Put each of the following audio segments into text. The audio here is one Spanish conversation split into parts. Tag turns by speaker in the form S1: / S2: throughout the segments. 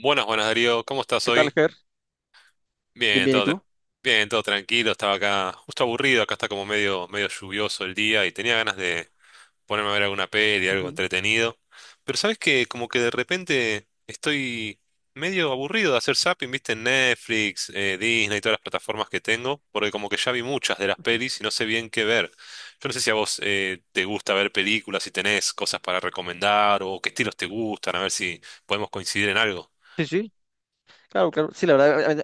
S1: Buenas, buenas Darío, ¿cómo estás
S2: ¿Qué tal,
S1: hoy?
S2: Ger? Bien,
S1: Bien,
S2: bien, ¿y
S1: todo, tra-
S2: tú?
S1: Bien, todo tranquilo, estaba acá justo aburrido, acá está como medio, medio lluvioso el día y tenía ganas de ponerme a ver alguna peli, algo
S2: Ujú.
S1: entretenido. Pero sabes que como que de repente estoy medio aburrido de hacer zapping, viste, en Netflix, Disney y todas las plataformas que tengo, porque como que ya vi muchas de las pelis y no sé bien qué ver. Yo no sé si a vos te gusta ver películas, si tenés cosas para recomendar o qué estilos te gustan, a ver si podemos coincidir en algo.
S2: Sí, sí, claro, claro. Sí, la verdad, ahorita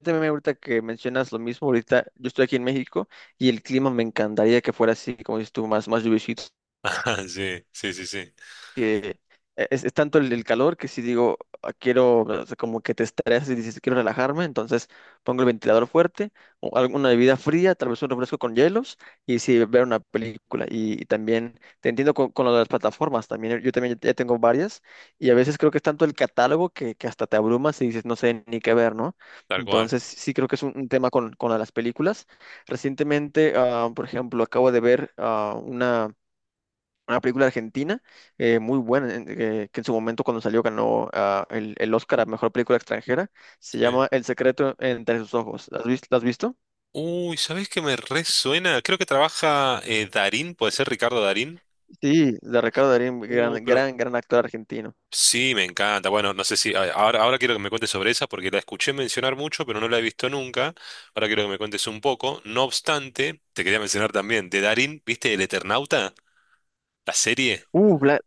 S2: ahorita- ahorita que mencionas lo mismo, ahorita yo estoy aquí en México y el clima me encantaría que fuera así, como dices tú, más lluviosito,
S1: Sí, sí, sí, sí,
S2: que es tanto el calor que si digo, "Ah, quiero, o sea, como que te estresas y dices, quiero relajarme, entonces pongo el ventilador fuerte, o alguna bebida fría, tal vez un refresco con hielos, y si ver una película". Y también te entiendo con, lo de las plataformas, también yo también ya tengo varias, y a veces creo que es tanto el catálogo que hasta te abrumas y dices, no sé ni qué ver, ¿no?
S1: tal cual.
S2: Entonces sí creo que es un tema con lo de las películas. Recientemente, por ejemplo, acabo de ver una película argentina muy buena, que en su momento cuando salió ganó, el Oscar a Mejor Película Extranjera. Se
S1: Sí.
S2: llama El secreto entre sus ojos. ¿La has visto?
S1: Uy, ¿sabés qué me resuena? Creo que trabaja Darín, puede ser Ricardo Darín.
S2: Sí, de Ricardo Darín,
S1: Uy,
S2: gran,
S1: pero
S2: gran, gran actor argentino.
S1: sí, me encanta. Bueno, no sé si a- ahora, ahora quiero que me cuentes sobre esa porque la escuché mencionar mucho, pero no la he visto nunca. Ahora quiero que me cuentes un poco. No obstante, te quería mencionar también de Darín, ¿viste El Eternauta? La serie.
S2: Uh, la-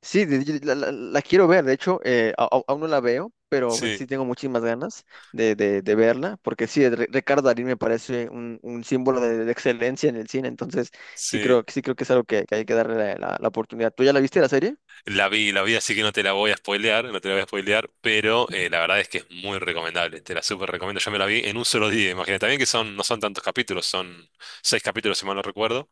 S2: sí, la quiero ver, de hecho, aún no la veo, pero pues
S1: Sí,
S2: sí tengo muchísimas ganas de verla, porque sí, Ricardo Darín me parece un símbolo de excelencia en el cine, entonces sí
S1: sí.
S2: creo, sí creo que es algo que hay que darle la oportunidad. ¿Tú ya la viste la serie?
S1: La vi, así que no te la voy a spoilear, no te la voy a spoilear, pero la verdad es que es muy recomendable, te la súper recomiendo. Yo me la vi en un solo día, imagínate. También que son, no son tantos capítulos, son 6 capítulos, si mal no recuerdo,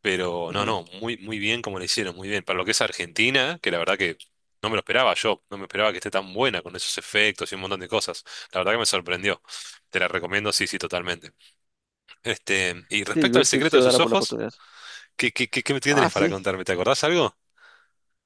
S1: pero no,
S2: Ujú.
S1: no, muy, muy bien como le hicieron, muy bien. Para lo que es Argentina, que la verdad que no me lo esperaba yo, no me esperaba que esté tan buena con esos efectos y un montón de cosas. La verdad que me sorprendió. Te la recomiendo, sí, sí, totalmente. Este, y
S2: Sí, yo
S1: respecto
S2: creo
S1: al
S2: que sí, sí
S1: secreto
S2: le
S1: de
S2: voy a
S1: sus
S2: dar por la
S1: ojos,
S2: oportunidad.
S1: ¿qué, qué, qué, qué me
S2: Ah,
S1: tienes para
S2: sí.
S1: contarme? ¿Te acordás algo?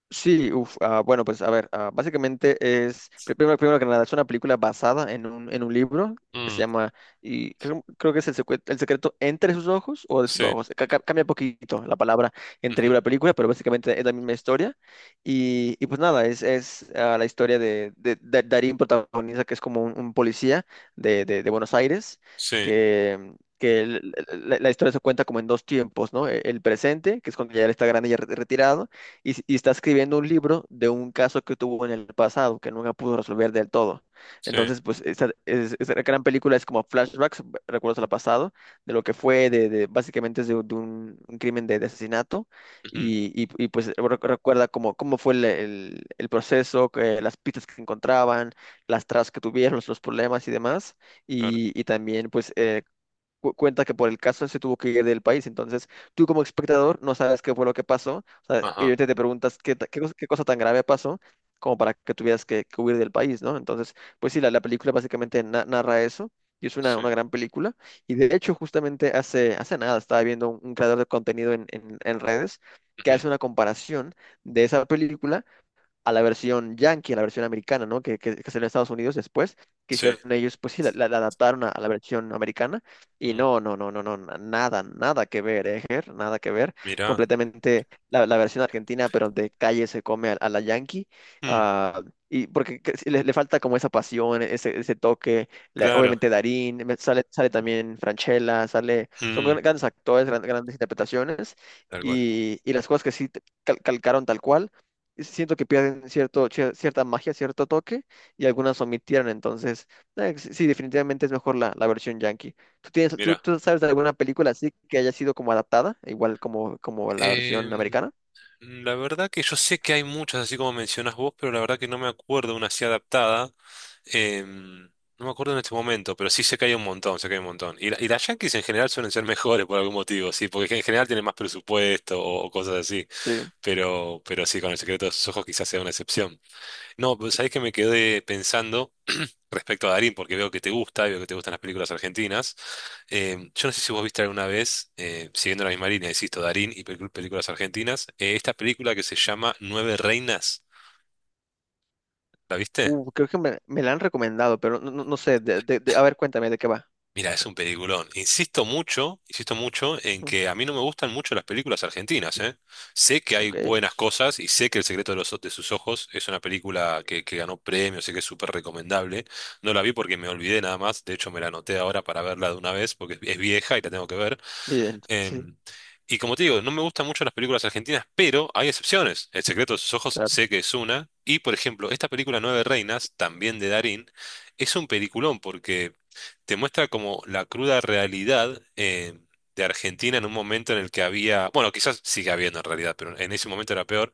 S2: Sí, uf, bueno, pues a ver, básicamente es, primero que nada, es una película basada en un libro que
S1: Mm,
S2: se llama, y creo que es el secreto entre sus ojos o de sus
S1: sí,
S2: ojos. Cambia poquito la palabra entre
S1: ujú,
S2: libro y película, pero básicamente es la misma historia. Y pues nada, es la historia de Darín protagonista, que es como un policía de Buenos Aires,
S1: sí.
S2: que el- la- la historia se cuenta como en dos tiempos, ¿no? El presente, que es cuando ya él está grande y ya retirado, y está escribiendo un libro de un caso que tuvo en el pasado que nunca pudo resolver del todo.
S1: Sí,
S2: Entonces, pues esta gran película es como flashbacks, recuerdos al pasado, de lo que fue, básicamente es de un crimen de asesinato,
S1: ujú,
S2: y, pues recuerda cómo fue el proceso, las pistas que encontraban, las tras que tuvieron, los problemas y demás.
S1: claro.
S2: Y también pues cuenta que por el caso se tuvo que ir del país. Entonces, tú como espectador no sabes qué fue lo que pasó. O sea, y
S1: Ajá,
S2: ahorita te preguntas qué cosa tan grave pasó como para que tuvieras que huir del país, ¿no? Entonces, pues sí, la película básicamente narra eso. Y es una,
S1: sí,
S2: una gran película. Y de hecho, justamente hace nada estaba viendo un creador de contenido en redes que
S1: ujú,
S2: hace una comparación de esa película a la versión yankee, a la versión americana, ¿no? Que salió en Estados Unidos después, que
S1: sí.
S2: hicieron ellos, pues sí, la adaptaron a, la versión americana, y
S1: Mm,
S2: no, no, no, no, no, nada, nada que ver, ¿eh, Ger? Nada que ver,
S1: mira,
S2: completamente la, versión argentina, pero de calle se come a la yankee,
S1: mm,
S2: uh, y porque sí, le, falta como esa pasión, ese toque. La,
S1: claro,
S2: obviamente Darín, sale también Franchella, sale, son
S1: mm,
S2: grandes actores, grandes interpretaciones,
S1: tal cual.
S2: y las cosas que sí calcaron tal cual, siento que pierden cierta magia, cierto toque, y algunas omitieron. Entonces, sí, sí, definitivamente es mejor la versión yankee. ¿Tú tienes, tú,
S1: Mira,
S2: tú sabes de alguna película así que haya sido como adaptada, igual como la versión
S1: em,
S2: americana?
S1: la verdad que yo sé que hay muchas, así como mencionas vos, pero la verdad que no me acuerdo una así adaptada. em, no me acuerdo en este momento, pero sí sé que hay un montón, sé que hay un montón. Y las Yankees en general suelen ser mejores por algún motivo, sí, porque en general tienen más presupuesto o cosas así.
S2: Sí.
S1: Pero sí, con el secreto de sus ojos quizás sea una excepción. No, pues sabés que me quedé pensando respecto a Darín, porque veo que te gusta, y veo que te gustan las películas argentinas. Yo no sé si vos viste alguna vez, siguiendo la misma línea, insisto, Darín y películas argentinas, esta película que se llama Nueve Reinas, ¿la viste?
S2: Creo que me la han recomendado, pero no sé. A ver, cuéntame de qué va.
S1: Mira, es un peliculón. Insisto mucho en
S2: Ujú.
S1: que a mí no me gustan mucho las películas argentinas, ¿eh? Sé que hay
S2: Ok,
S1: buenas cosas y sé que El secreto de los, de sus ojos es una película que ganó premios, sé que es súper recomendable. No la vi porque me olvidé nada más, de hecho me la anoté ahora para verla de una vez porque es vieja y la tengo que ver.
S2: bien, sí,
S1: Em, y como te digo, no me gustan mucho las películas argentinas, pero hay excepciones. El secreto de sus ojos
S2: claro.
S1: sé que es una. Y por ejemplo, esta película Nueve Reinas, también de Darín, es un peliculón porque te muestra como la cruda realidad de Argentina en un momento en el que había, bueno, quizás sigue habiendo en realidad, pero en ese momento era peor,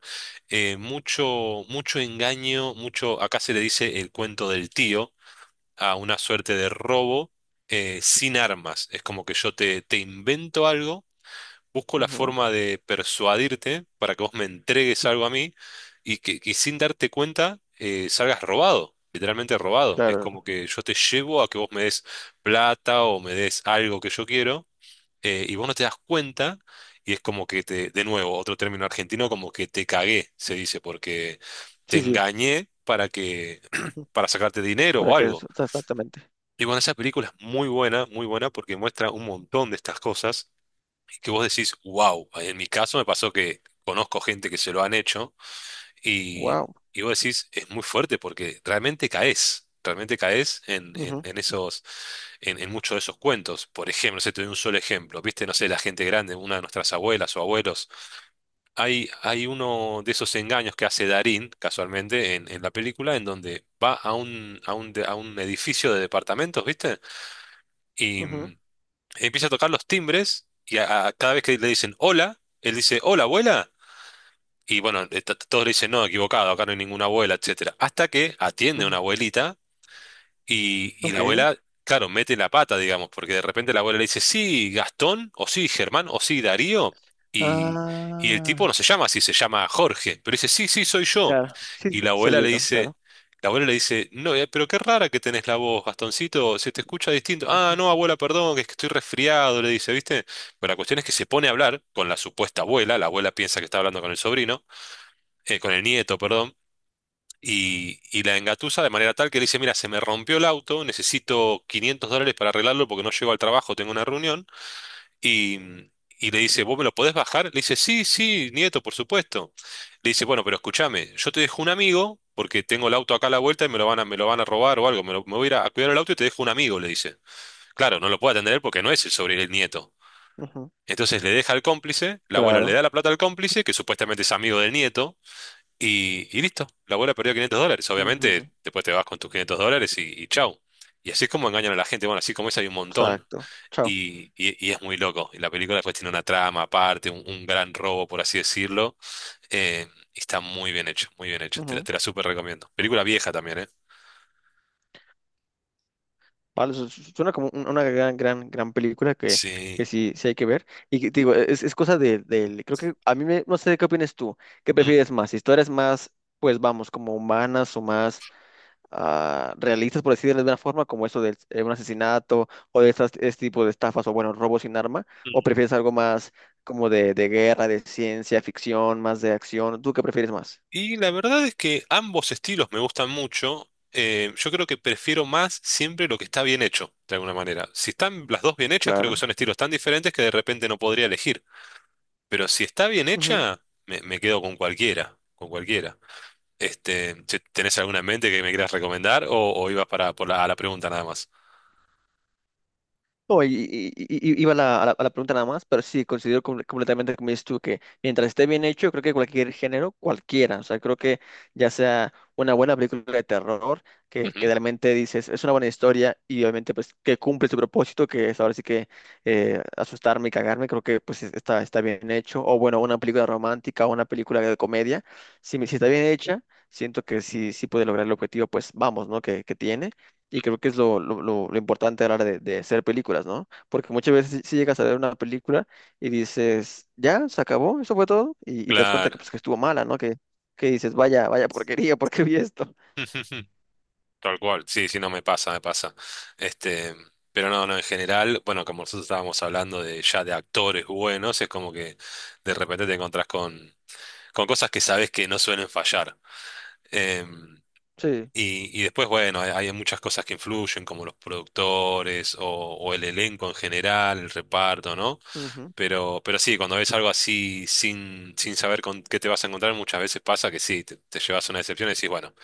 S1: mucho, mucho engaño, mucho, acá se le dice el cuento del tío, a una suerte de robo sin armas. Es como que te invento algo, busco la
S2: Ujú,
S1: forma de persuadirte para que vos me entregues algo a mí y que sin darte cuenta salgas robado, literalmente robado. Es
S2: claro,
S1: como que yo te llevo a que vos me des plata o me des algo que yo quiero, y vos no te das cuenta y es como que te, de nuevo, otro término argentino, como que te cagué, se dice, porque te
S2: sí, sí.
S1: engañé para que,
S2: Ujú.
S1: para sacarte dinero
S2: Para
S1: o
S2: que
S1: algo.
S2: eso, exactamente.
S1: Y bueno, esa película es muy buena porque muestra un montón de estas cosas que vos decís, wow, en mi caso me pasó que conozco gente que se lo han hecho
S2: Wow.
S1: y vos decís, es muy fuerte porque realmente caes
S2: Ujú,
S1: en esos, en muchos de esos cuentos. Por ejemplo, se te doy un solo ejemplo, viste, no sé, la gente grande, una de nuestras abuelas o abuelos, hay uno de esos engaños que hace Darín, casualmente, en la película, en donde va a un, a un edificio de departamentos, viste, y
S2: ujú,
S1: empieza a tocar los timbres cada vez que le dicen hola, él dice hola abuela. Y bueno, todos le dicen no, equivocado, acá no hay ninguna abuela, etcétera. Hasta que atiende
S2: ujú.
S1: una abuelita y la
S2: Ok.
S1: abuela, claro, mete la pata, digamos, porque de repente la abuela le dice, sí, Gastón, o sí, Germán, o sí, Darío. Y, y el tipo
S2: Ah.
S1: no se llama así, se llama Jorge, pero dice, sí, sí, soy yo.
S2: Claro, sí,
S1: Y la
S2: sí,
S1: abuela le
S2: soy yo,
S1: dice,
S2: claro.
S1: la abuela le dice, no, pero qué rara que tenés la voz, Gastoncito, se te escucha distinto. Ah,
S2: Ujú,
S1: no, abuela, perdón, que es que estoy resfriado, le dice, ¿viste? Pero la cuestión es que se pone a hablar con la supuesta abuela, la abuela piensa que está hablando con el sobrino, con el nieto, perdón. Y la engatusa de manera tal que le dice, mira, se me rompió el auto, necesito $500 para arreglarlo porque no llego al trabajo, tengo una reunión. Y, y le dice, ¿vos me lo podés bajar? Le dice, sí, sí, nieto, por supuesto. Le dice, bueno, pero escúchame, yo te dejo un amigo porque tengo el auto acá a la vuelta y me lo van a, me lo van a robar o algo, me voy a ir a cuidar el auto y te dejo un amigo, le dice. Claro, no lo puede atender porque no es el sobre el nieto.
S2: ujú,
S1: Entonces le deja al cómplice, la abuela le
S2: claro,
S1: da la plata al cómplice, que supuestamente es amigo del nieto y listo, la abuela perdió $500.
S2: ujú,
S1: Obviamente, después te vas con tus $500 y chau. Y así es como engañan a la gente. Bueno, así como es, hay un montón.
S2: exacto. Chao.
S1: Y es muy loco. Y la película después tiene una trama aparte, un gran robo, por así decirlo. Eh, y está muy bien hecho, muy bien hecho.
S2: Ujú.
S1: Te la súper recomiendo. Película vieja también, ¿eh?
S2: Vale, suena como una gran, gran, gran película que
S1: Sí.
S2: sí, sí hay que ver. Y te digo, es cosa de creo que a mí me, no sé qué opinas tú, qué
S1: Mm.
S2: prefieres más, historias más, pues vamos, como humanas o más realistas, por decirlo de alguna forma, como eso de un asesinato o de este tipo de estafas o bueno, robos sin arma, o prefieres algo más como de guerra, de ciencia ficción, más de acción. ¿Tú qué prefieres más?
S1: Y la verdad es que ambos estilos me gustan mucho. Yo creo que prefiero más siempre lo que está bien hecho, de alguna manera. Si están las dos bien hechas, creo que
S2: Claro.
S1: son estilos tan diferentes que de repente no podría elegir. Pero si está bien
S2: Ujú.
S1: hecha, me quedo con cualquiera, con cualquiera. Este, che, ¿tenés alguna en mente que me quieras recomendar o ibas para por la, a la pregunta nada más?
S2: No, y iba a la pregunta nada más, pero sí, considero completamente, como dices tú, que mientras esté bien hecho, creo que cualquier género, cualquiera, o sea, creo que ya sea una buena película de terror, que
S1: Ujú,
S2: realmente dices, es una buena historia y obviamente pues que cumple su propósito, que es ahora sí que asustarme y cagarme, creo que pues está bien hecho, o bueno, una película romántica o una película de comedia, si está bien hecha, siento que sí, sí puede lograr el objetivo, pues vamos, ¿no? Que tiene. Y creo que es lo importante a la hora de hacer películas, ¿no? Porque muchas veces si llegas a ver una película y dices, ya, se acabó, eso fue todo, y te das cuenta
S1: claro.
S2: pues, que estuvo mala, ¿no? Que dices, vaya, vaya porquería, ¿por qué vi esto?
S1: Tal cual, sí, sí, no me pasa, me pasa. Este, pero no, no, en general, bueno, como nosotros estábamos hablando de ya de actores buenos, es como que de repente te encontrás con cosas que sabes que no suelen fallar. Em,
S2: Sí.
S1: y después, bueno, hay muchas cosas que influyen, como los productores o el elenco en general, el reparto, ¿no?
S2: Ujú.
S1: Pero sí, cuando ves algo así sin, sin saber con qué te vas a encontrar, muchas veces pasa que sí, te llevas una decepción y decís, bueno,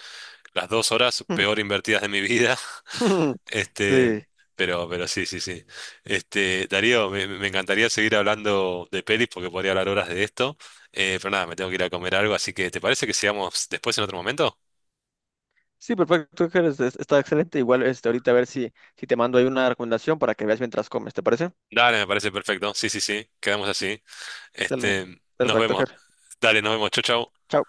S1: las 2 horas peor invertidas de mi vida. Este,
S2: Sí.
S1: pero sí, sí, sí. Este, Darío, me encantaría seguir hablando de pelis porque podría hablar horas de esto. Pero nada, me tengo que ir a comer algo, así que ¿te parece que sigamos después en otro momento?
S2: Sí, perfecto, Ángeles, está excelente. Igual, ahorita a ver si te mando ahí una recomendación para que veas mientras comes, ¿te parece?
S1: Dale, me parece perfecto. Sí, sí, sí. Quedamos así. Este,
S2: Excelente.
S1: nos
S2: Perfecto,
S1: vemos.
S2: Ger.
S1: Dale, nos vemos. Chau, chau.
S2: Chao.